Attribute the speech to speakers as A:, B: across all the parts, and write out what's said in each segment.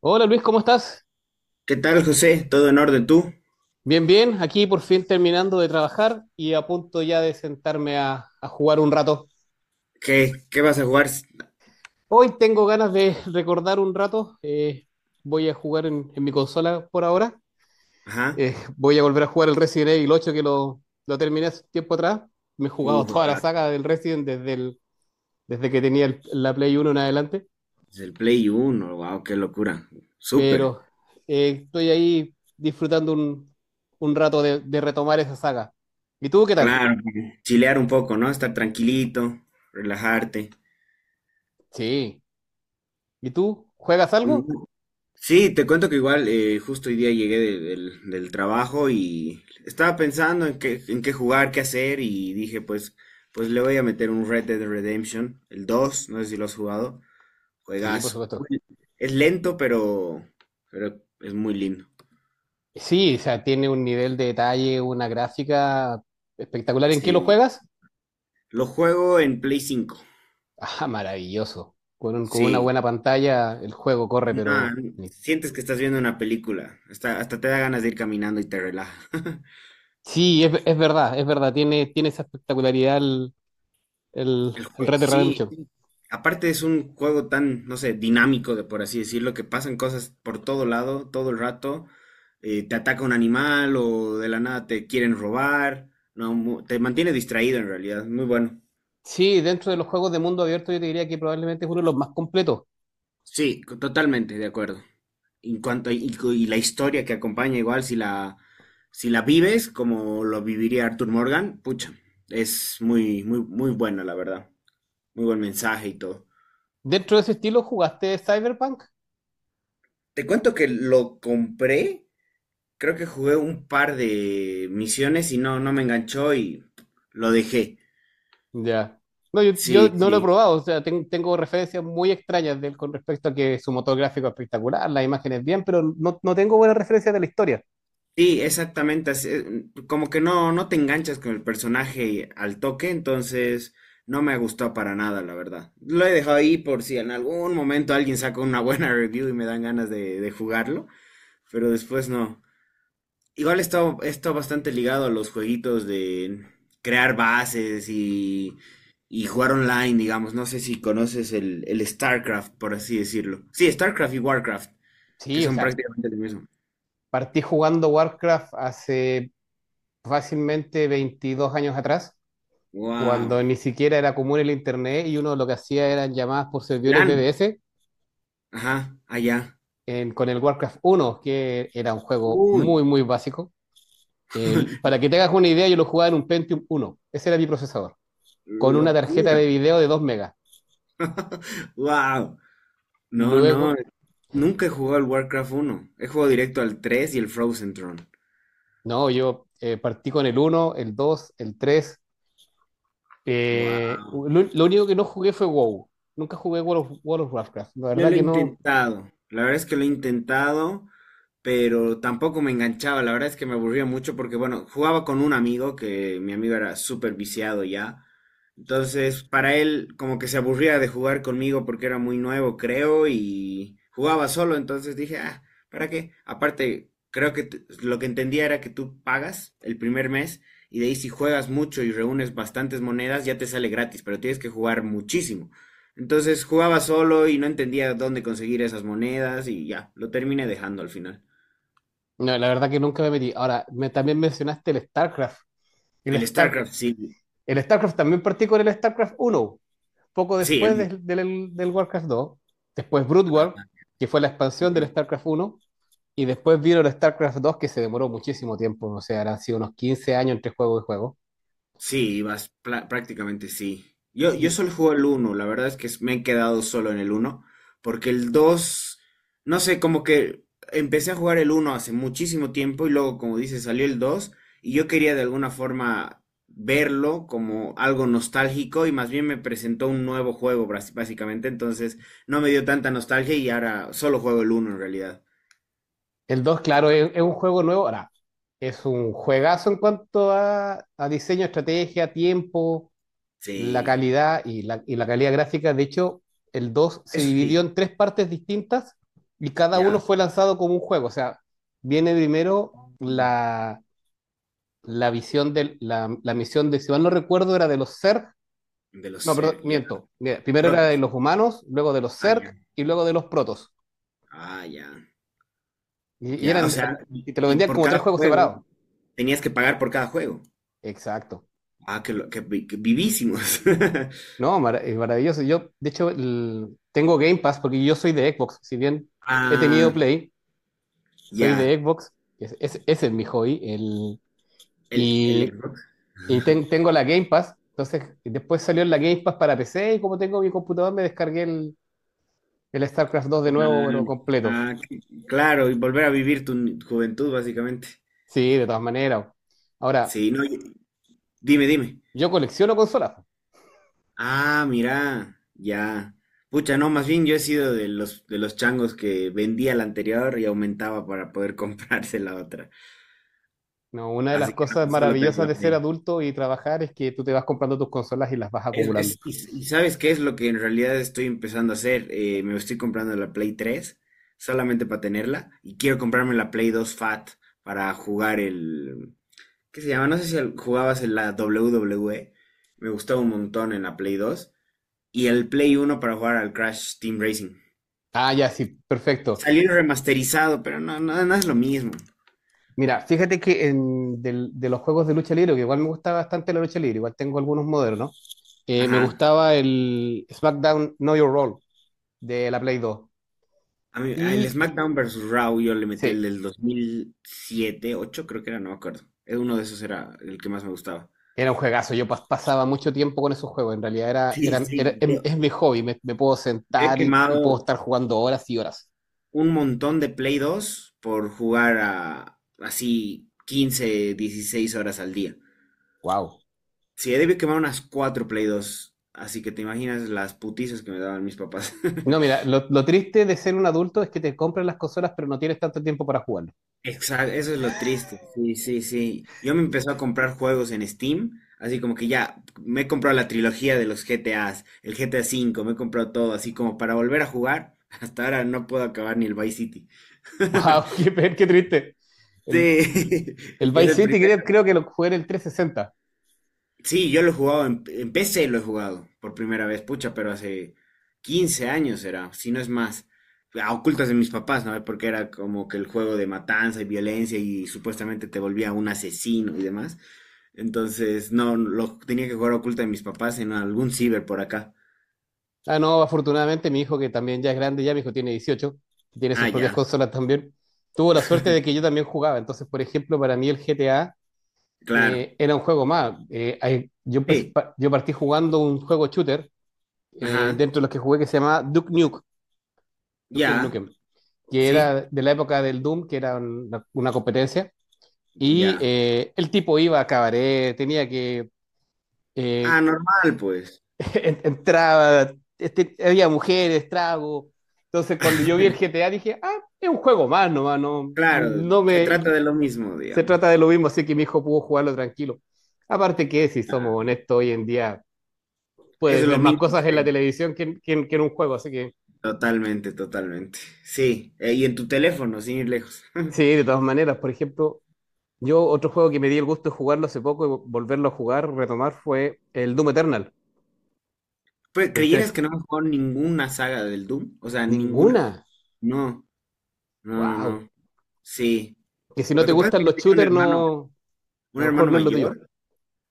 A: Hola Luis, ¿cómo estás?
B: ¿Qué tal, José? ¿Todo en orden tú?
A: Bien, bien, aquí por fin terminando de trabajar y a punto ya de sentarme a jugar un rato.
B: ¿Qué vas a jugar?
A: Hoy tengo ganas de recordar un rato, voy a jugar en mi consola por ahora.
B: Ajá.
A: Voy a volver a jugar el Resident Evil 8 que lo terminé hace tiempo atrás, me he jugado
B: Uh,
A: toda la
B: ah,
A: saga del Resident desde que tenía la Play Uno en adelante,
B: es el Play Uno. Wow, qué locura. Súper.
A: pero estoy ahí disfrutando un rato de retomar esa saga. ¿Y tú qué tal?
B: Claro. Chilear un poco, ¿no? Estar tranquilito, relajarte.
A: Sí. ¿Y tú juegas
B: Mm,
A: algo?
B: sí, te cuento que igual justo hoy día llegué del trabajo y estaba pensando en qué jugar, qué hacer y dije, pues le voy a meter un Red Dead Redemption, el 2. No sé si lo has jugado.
A: Sí, por
B: Juegazo.
A: supuesto.
B: Muy- es lento, pero es muy lindo.
A: Sí, o sea, tiene un nivel de detalle, una gráfica espectacular. ¿En qué lo
B: Sí,
A: juegas?
B: lo juego en Play 5.
A: Ah, maravilloso. Con una
B: Sí,
A: buena pantalla el juego corre, pero.
B: no, sientes que estás viendo una película. Hasta, hasta te da ganas de ir caminando y te relaja.
A: Sí, es verdad, es verdad. Tiene esa espectacularidad
B: El
A: el
B: juego,
A: Red Dead
B: sí,
A: Redemption.
B: sí. Aparte es un juego tan, no sé, dinámico, de por así decirlo, que pasan cosas por todo lado, todo el rato. Te ataca un animal o de la nada te quieren robar. No, mu- te mantiene distraído en realidad. Muy bueno.
A: Sí, dentro de los juegos de mundo abierto yo te diría que probablemente es uno de los más completos.
B: Sí, co- totalmente de acuerdo. En cuanto a- y, co- y la historia que acompaña, igual si la vives como lo viviría Arthur Morgan, pucha, es muy muy muy buena la verdad. Muy buen mensaje y todo.
A: ¿Dentro de ese estilo jugaste Cyberpunk?
B: Te cuento que lo compré, creo que jugué un par de misiones y no me enganchó y lo dejé.
A: Ya. No, yo
B: Sí,
A: no lo he
B: sí.
A: probado, o sea, tengo referencias muy extrañas de él con respecto a que su motor gráfico es espectacular, las imágenes bien, pero no tengo buenas referencias de la historia.
B: Sí, exactamente, así, como que no, no te enganchas con el personaje al toque, entonces no me gustó para nada, la verdad. Lo he dejado ahí por si en algún momento alguien saca una buena review y me dan ganas de jugarlo, pero después no. Igual está, está bastante ligado a los jueguitos de crear bases y jugar online, digamos. No sé si conoces el StarCraft, por así decirlo. Sí, StarCraft y WarCraft, que
A: Sí, o
B: son
A: sea,
B: prácticamente lo mismo.
A: partí jugando Warcraft hace fácilmente 22 años atrás,
B: Wow.
A: cuando ni siquiera era común el internet y uno lo que hacía eran llamadas por servidores
B: LAN.
A: BBS
B: Ajá, allá.
A: con el Warcraft uno, que era un juego
B: Uy,
A: muy, muy básico. El- para que te hagas una idea, yo lo jugaba en un Pentium uno, ese era mi procesador, con una tarjeta
B: locura.
A: de video de 2 megas.
B: Wow. No, no.
A: Luego,
B: Nunca he jugado al Warcraft uno. He jugado directo al 3 y el Frozen Throne.
A: no, yo partí con el uno, el dos, el tres,
B: Wow.
A: lo único que no jugué fue WoW. Nunca jugué World of Warcraft. La
B: Yo
A: verdad
B: lo he
A: que no,
B: intentado. La verdad es que lo he intentado, pero tampoco me enganchaba, la verdad es que me aburría mucho porque, bueno, jugaba con un amigo que mi amigo era súper viciado ya, entonces para él como que se aburría de jugar conmigo porque era muy nuevo, creo, y jugaba solo, entonces dije, ah, ¿para qué? Aparte, creo que t- lo que entendía era que tú pagas el primer mes y de ahí si juegas mucho y reúnes bastantes monedas ya te sale gratis, pero tienes que jugar muchísimo. Entonces jugaba solo y no entendía dónde conseguir esas monedas y ya, lo terminé dejando al final.
A: no, la verdad que nunca me metí. Ahora, también mencionaste el StarCraft. El,
B: El
A: Star,
B: StarCraft, sí.
A: el StarCraft también partí con el StarCraft uno, poco
B: Sí, el
A: después
B: uno.
A: del Warcraft dos. Después Brood War, que fue la expansión del
B: Ajá.
A: StarCraft uno. Y después vino el StarCraft dos, que se demoró muchísimo tiempo. O sea, han sido unos 15 años entre juego y juego.
B: Sí, vas, pla- prácticamente sí. Yo
A: Y
B: solo juego el uno, la verdad es que me he quedado solo en el uno porque el 2 no sé, como que empecé a jugar el uno hace muchísimo tiempo y luego, como dices, salió el 2 y yo quería de alguna forma verlo como algo nostálgico y más bien me presentó un nuevo juego, bras- básicamente, entonces no me dio tanta nostalgia y ahora solo juego el uno en realidad.
A: el 2, claro, es un juego nuevo. Ahora, es un juegazo en cuanto a diseño, estrategia, tiempo, la
B: Sí,
A: calidad y y la calidad gráfica. De hecho, el 2 se
B: eso
A: dividió
B: sí,
A: en tres partes distintas y cada uno
B: ya.
A: fue lanzado como un juego. O sea, viene primero la visión de la misión de, si mal no recuerdo, era de los Zerg.
B: De
A: No,
B: los
A: perdón,
B: Zerg, ya.
A: miento. Mira, primero era de
B: Protoss.
A: los humanos, luego de los
B: Ah, ya.
A: Zerg y luego de los protos.
B: Ah, ya.
A: Y
B: Ya, o sea,
A: eran,
B: y,
A: y te lo
B: y
A: vendían
B: por
A: como tres
B: cada
A: juegos
B: juego
A: separados.
B: tenías que pagar por cada juego.
A: Exacto.
B: Ah, que, lo- que, vi- que vivísimos.
A: No, es maravilloso. Yo, de hecho, tengo Game Pass porque yo soy de Xbox. Si bien he tenido
B: Ah,
A: Play, soy
B: ya.
A: de Xbox. Ese es mi hobby. El,
B: El
A: y
B: Xbox.
A: y ten- tengo la Game Pass. Entonces, después salió la Game Pass para PC y como tengo mi computador, me descargué el StarCraft 2 de nuevo,
B: Ah,
A: pero completo.
B: ah, c- claro, y volver a vivir tu ni- juventud, básicamente.
A: Sí, de todas maneras. Ahora,
B: Sí, no, y- dime, dime.
A: yo colecciono consolas.
B: Ah, mira, ya. Pucha, no, más bien yo he sido de los changos que vendía la anterior y aumentaba para poder comprarse la otra.
A: No, una de las
B: Así que
A: cosas
B: no, solo tengo
A: maravillosas
B: la
A: de ser
B: Play.
A: adulto y trabajar es que tú te vas comprando tus consolas y las vas acumulando.
B: ¿Y ¿sabes qué es lo que en realidad estoy empezando a hacer? Me estoy comprando la Play 3, solamente para tenerla y quiero comprarme la Play 2 Fat para jugar el... ¿Qué se llama? No sé si al- jugabas en la WWE. Me gustaba un montón en la Play 2, y el Play uno para jugar al Crash Team Racing.
A: Ah, ya, sí, perfecto.
B: Salió remasterizado, pero no, no, no es lo mismo.
A: Mira, fíjate que de los juegos de lucha libre, que igual me gusta bastante la lucha libre, igual tengo algunos modernos, me
B: Ajá.
A: gustaba el SmackDown Know Your Role de la Play dos.
B: A mí- al
A: Y
B: SmackDown versus Raw yo le metí el
A: sí,
B: del 2007, 8 creo que era, no me acuerdo. Uno de esos era el que más me gustaba.
A: era un juegazo, pasaba mucho tiempo con esos juegos, en realidad
B: Sí, sí, yo-
A: es, mi hobby, me puedo
B: he
A: sentar y
B: quemado
A: puedo estar jugando horas y horas.
B: un montón de Play 2 por jugar a así 15, 16 horas al día.
A: Wow.
B: Sí, he debido quemar unas 4 Play 2, así que te imaginas las putizas que me daban mis papás.
A: No, mira, lo triste de ser un adulto es que te compras las consolas, pero no tienes tanto tiempo para jugarlo.
B: Exacto, eso es lo triste. Sí, sí, sí. Yo me empezó a comprar juegos en Steam, así como que ya me he comprado la trilogía de los GTAs, el GTA V, me he comprado todo, así como para volver a jugar. Hasta ahora no puedo acabar ni el Vice City.
A: Wow, qué triste.
B: Sí,
A: El, el
B: y es el
A: Vice City,
B: primer.
A: creo que lo jugué en el 360.
B: Sí, yo lo he jugado en PC, lo he jugado por primera vez, pucha, pero hace 15 años era, si no es más. A ocultas de mis papás, ¿no? Porque era como que el juego de matanza y violencia y supuestamente te volvía un asesino y demás. Entonces, no, lo tenía que jugar oculta de mis papás en algún ciber por acá.
A: Ah, no, afortunadamente mi hijo, que también ya es grande, ya mi hijo tiene 18, tiene
B: Ah,
A: sus propias
B: ya.
A: consolas también, tuvo la suerte de que yo también jugaba. Entonces, por ejemplo, para mí el GTA
B: Claro.
A: era un juego más. Eh, ahí- yo, empecé
B: Sí.
A: pa- yo partí jugando un juego shooter,
B: Ajá.
A: dentro de los que jugué que se llamaba Duke
B: Ya.
A: Nukem, que era
B: Sí.
A: de la época del Doom, que era una competencia. Y
B: Ya.
A: eh, el tipo iba a cabaret, tenía que
B: Ah,
A: eh,
B: normal, pues.
A: entraba, este, había mujeres, trago. Entonces, cuando yo vi el GTA, dije, ah, es un juego más nomás, no,
B: Claro,
A: no
B: se
A: me.
B: trata de lo mismo,
A: Se trata
B: digamos.
A: de lo mismo, así que mi hijo pudo jugarlo tranquilo. Aparte que, si somos
B: Ah,
A: honestos, hoy en día
B: eso
A: puedes
B: es lo
A: ver más
B: mínimo
A: cosas en
B: que
A: la
B: ven.
A: televisión que en un juego, así que
B: Totalmente, totalmente. Sí, y en tu teléfono, sin ir lejos.
A: sí, de todas maneras. Por ejemplo, yo otro juego que me di el gusto de jugarlo hace poco y volverlo a jugar, retomar, fue el Doom Eternal,
B: Pues,
A: el
B: ¿creyeras
A: tres.
B: que no hemos jugado ninguna saga del Doom? O sea, ninguna.
A: Ninguna.
B: No, no, no,
A: Wow.
B: no. Sí.
A: Que si no
B: Lo
A: te
B: que pasa es
A: gustan
B: que yo
A: los
B: tenía
A: shooters, no, a
B: un
A: lo mejor
B: hermano
A: no es lo tuyo.
B: mayor,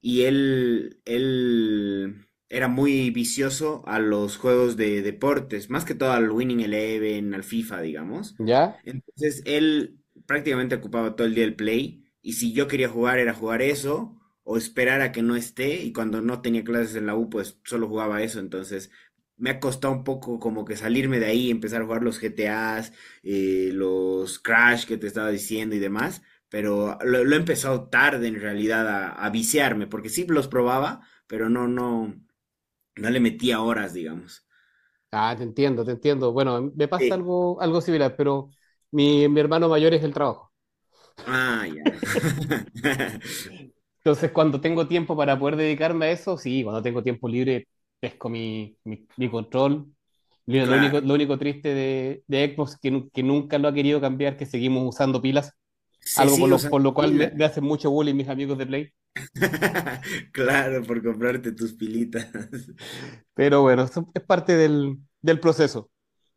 B: y él era muy vicioso a los juegos de deportes, más que todo al Winning Eleven, al FIFA, digamos.
A: ¿Ya?
B: Entonces él prácticamente ocupaba todo el día el Play y si yo quería jugar era jugar eso o esperar a que no esté y cuando no tenía clases en la U pues solo jugaba eso. Entonces me ha costado un poco como que salirme de ahí, empezar a jugar los GTAs, los Crash que te estaba diciendo y demás, pero lo he empezado tarde en realidad a viciarme, porque sí los probaba, pero no, no, no le metía horas, digamos.
A: Ah, te entiendo, te entiendo. Bueno, me pasa
B: Sí.
A: algo similar, pero mi hermano mayor es el trabajo.
B: Ah, ya.
A: Entonces, cuando tengo tiempo para poder dedicarme a eso, sí, cuando tengo tiempo libre, pesco mi control. Mira,
B: Claro.
A: lo único triste de Xbox es que, que nunca lo ha querido cambiar, que seguimos usando pilas,
B: Se
A: algo
B: sigue usando
A: por lo cual
B: pila.
A: me hacen mucho bullying mis amigos de Play.
B: Claro, por comprarte tus pilitas.
A: Pero bueno, eso es parte del proceso.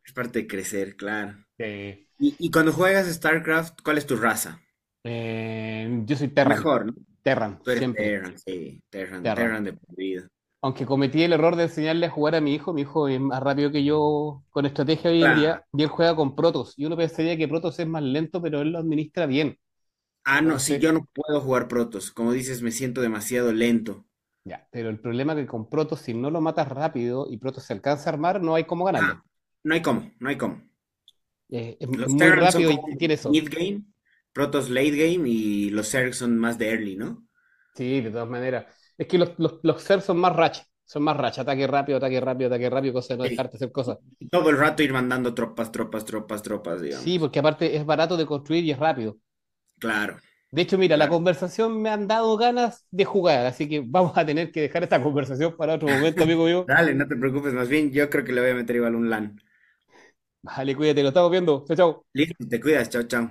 B: Es parte de crecer, claro.
A: Eh,
B: Y cuando juegas StarCraft, ¿cuál es tu raza?
A: yo soy Terran,
B: Mejor, ¿no?
A: Terran,
B: Tú eres
A: siempre,
B: Terran, sí, Terran,
A: Terran.
B: Terran de por vida.
A: Aunque cometí el error de enseñarle a jugar a mi hijo es más rápido que yo con estrategia hoy en
B: Claro.
A: día, y él juega con Protoss. Y uno pensaría que Protoss es más lento, pero él lo administra bien.
B: Ah, no, sí,
A: Entonces,
B: yo no puedo jugar protos. Como dices, me siento demasiado lento.
A: ya, pero el problema es que con Protoss, si no lo matas rápido y Protoss se alcanza a armar, no hay cómo ganarle.
B: Ajá. No hay cómo, no hay cómo.
A: Es
B: Los
A: muy
B: Terrans son
A: rápido
B: como
A: y tiene eso.
B: mid game, Protoss late game y los Zerg son más de early, ¿no?
A: Sí, de todas maneras. Es que los Zerg son más racha, ataque rápido, ataque rápido, ataque rápido, cosa de no
B: Sí.
A: dejarte hacer
B: Y
A: cosas.
B: y todo el rato ir mandando tropas, tropas, tropas, tropas,
A: Sí,
B: digamos.
A: porque aparte es barato de construir y es rápido.
B: Claro,
A: De hecho, mira, la
B: claro.
A: conversación me han dado ganas de jugar, así que vamos a tener que dejar esta conversación para otro momento, amigo mío.
B: Dale, no te preocupes, más bien yo creo que le voy a meter igual un LAN.
A: Vale, cuídate, lo estamos viendo. Chao, chao.
B: Listo, te cuidas, chao, chao.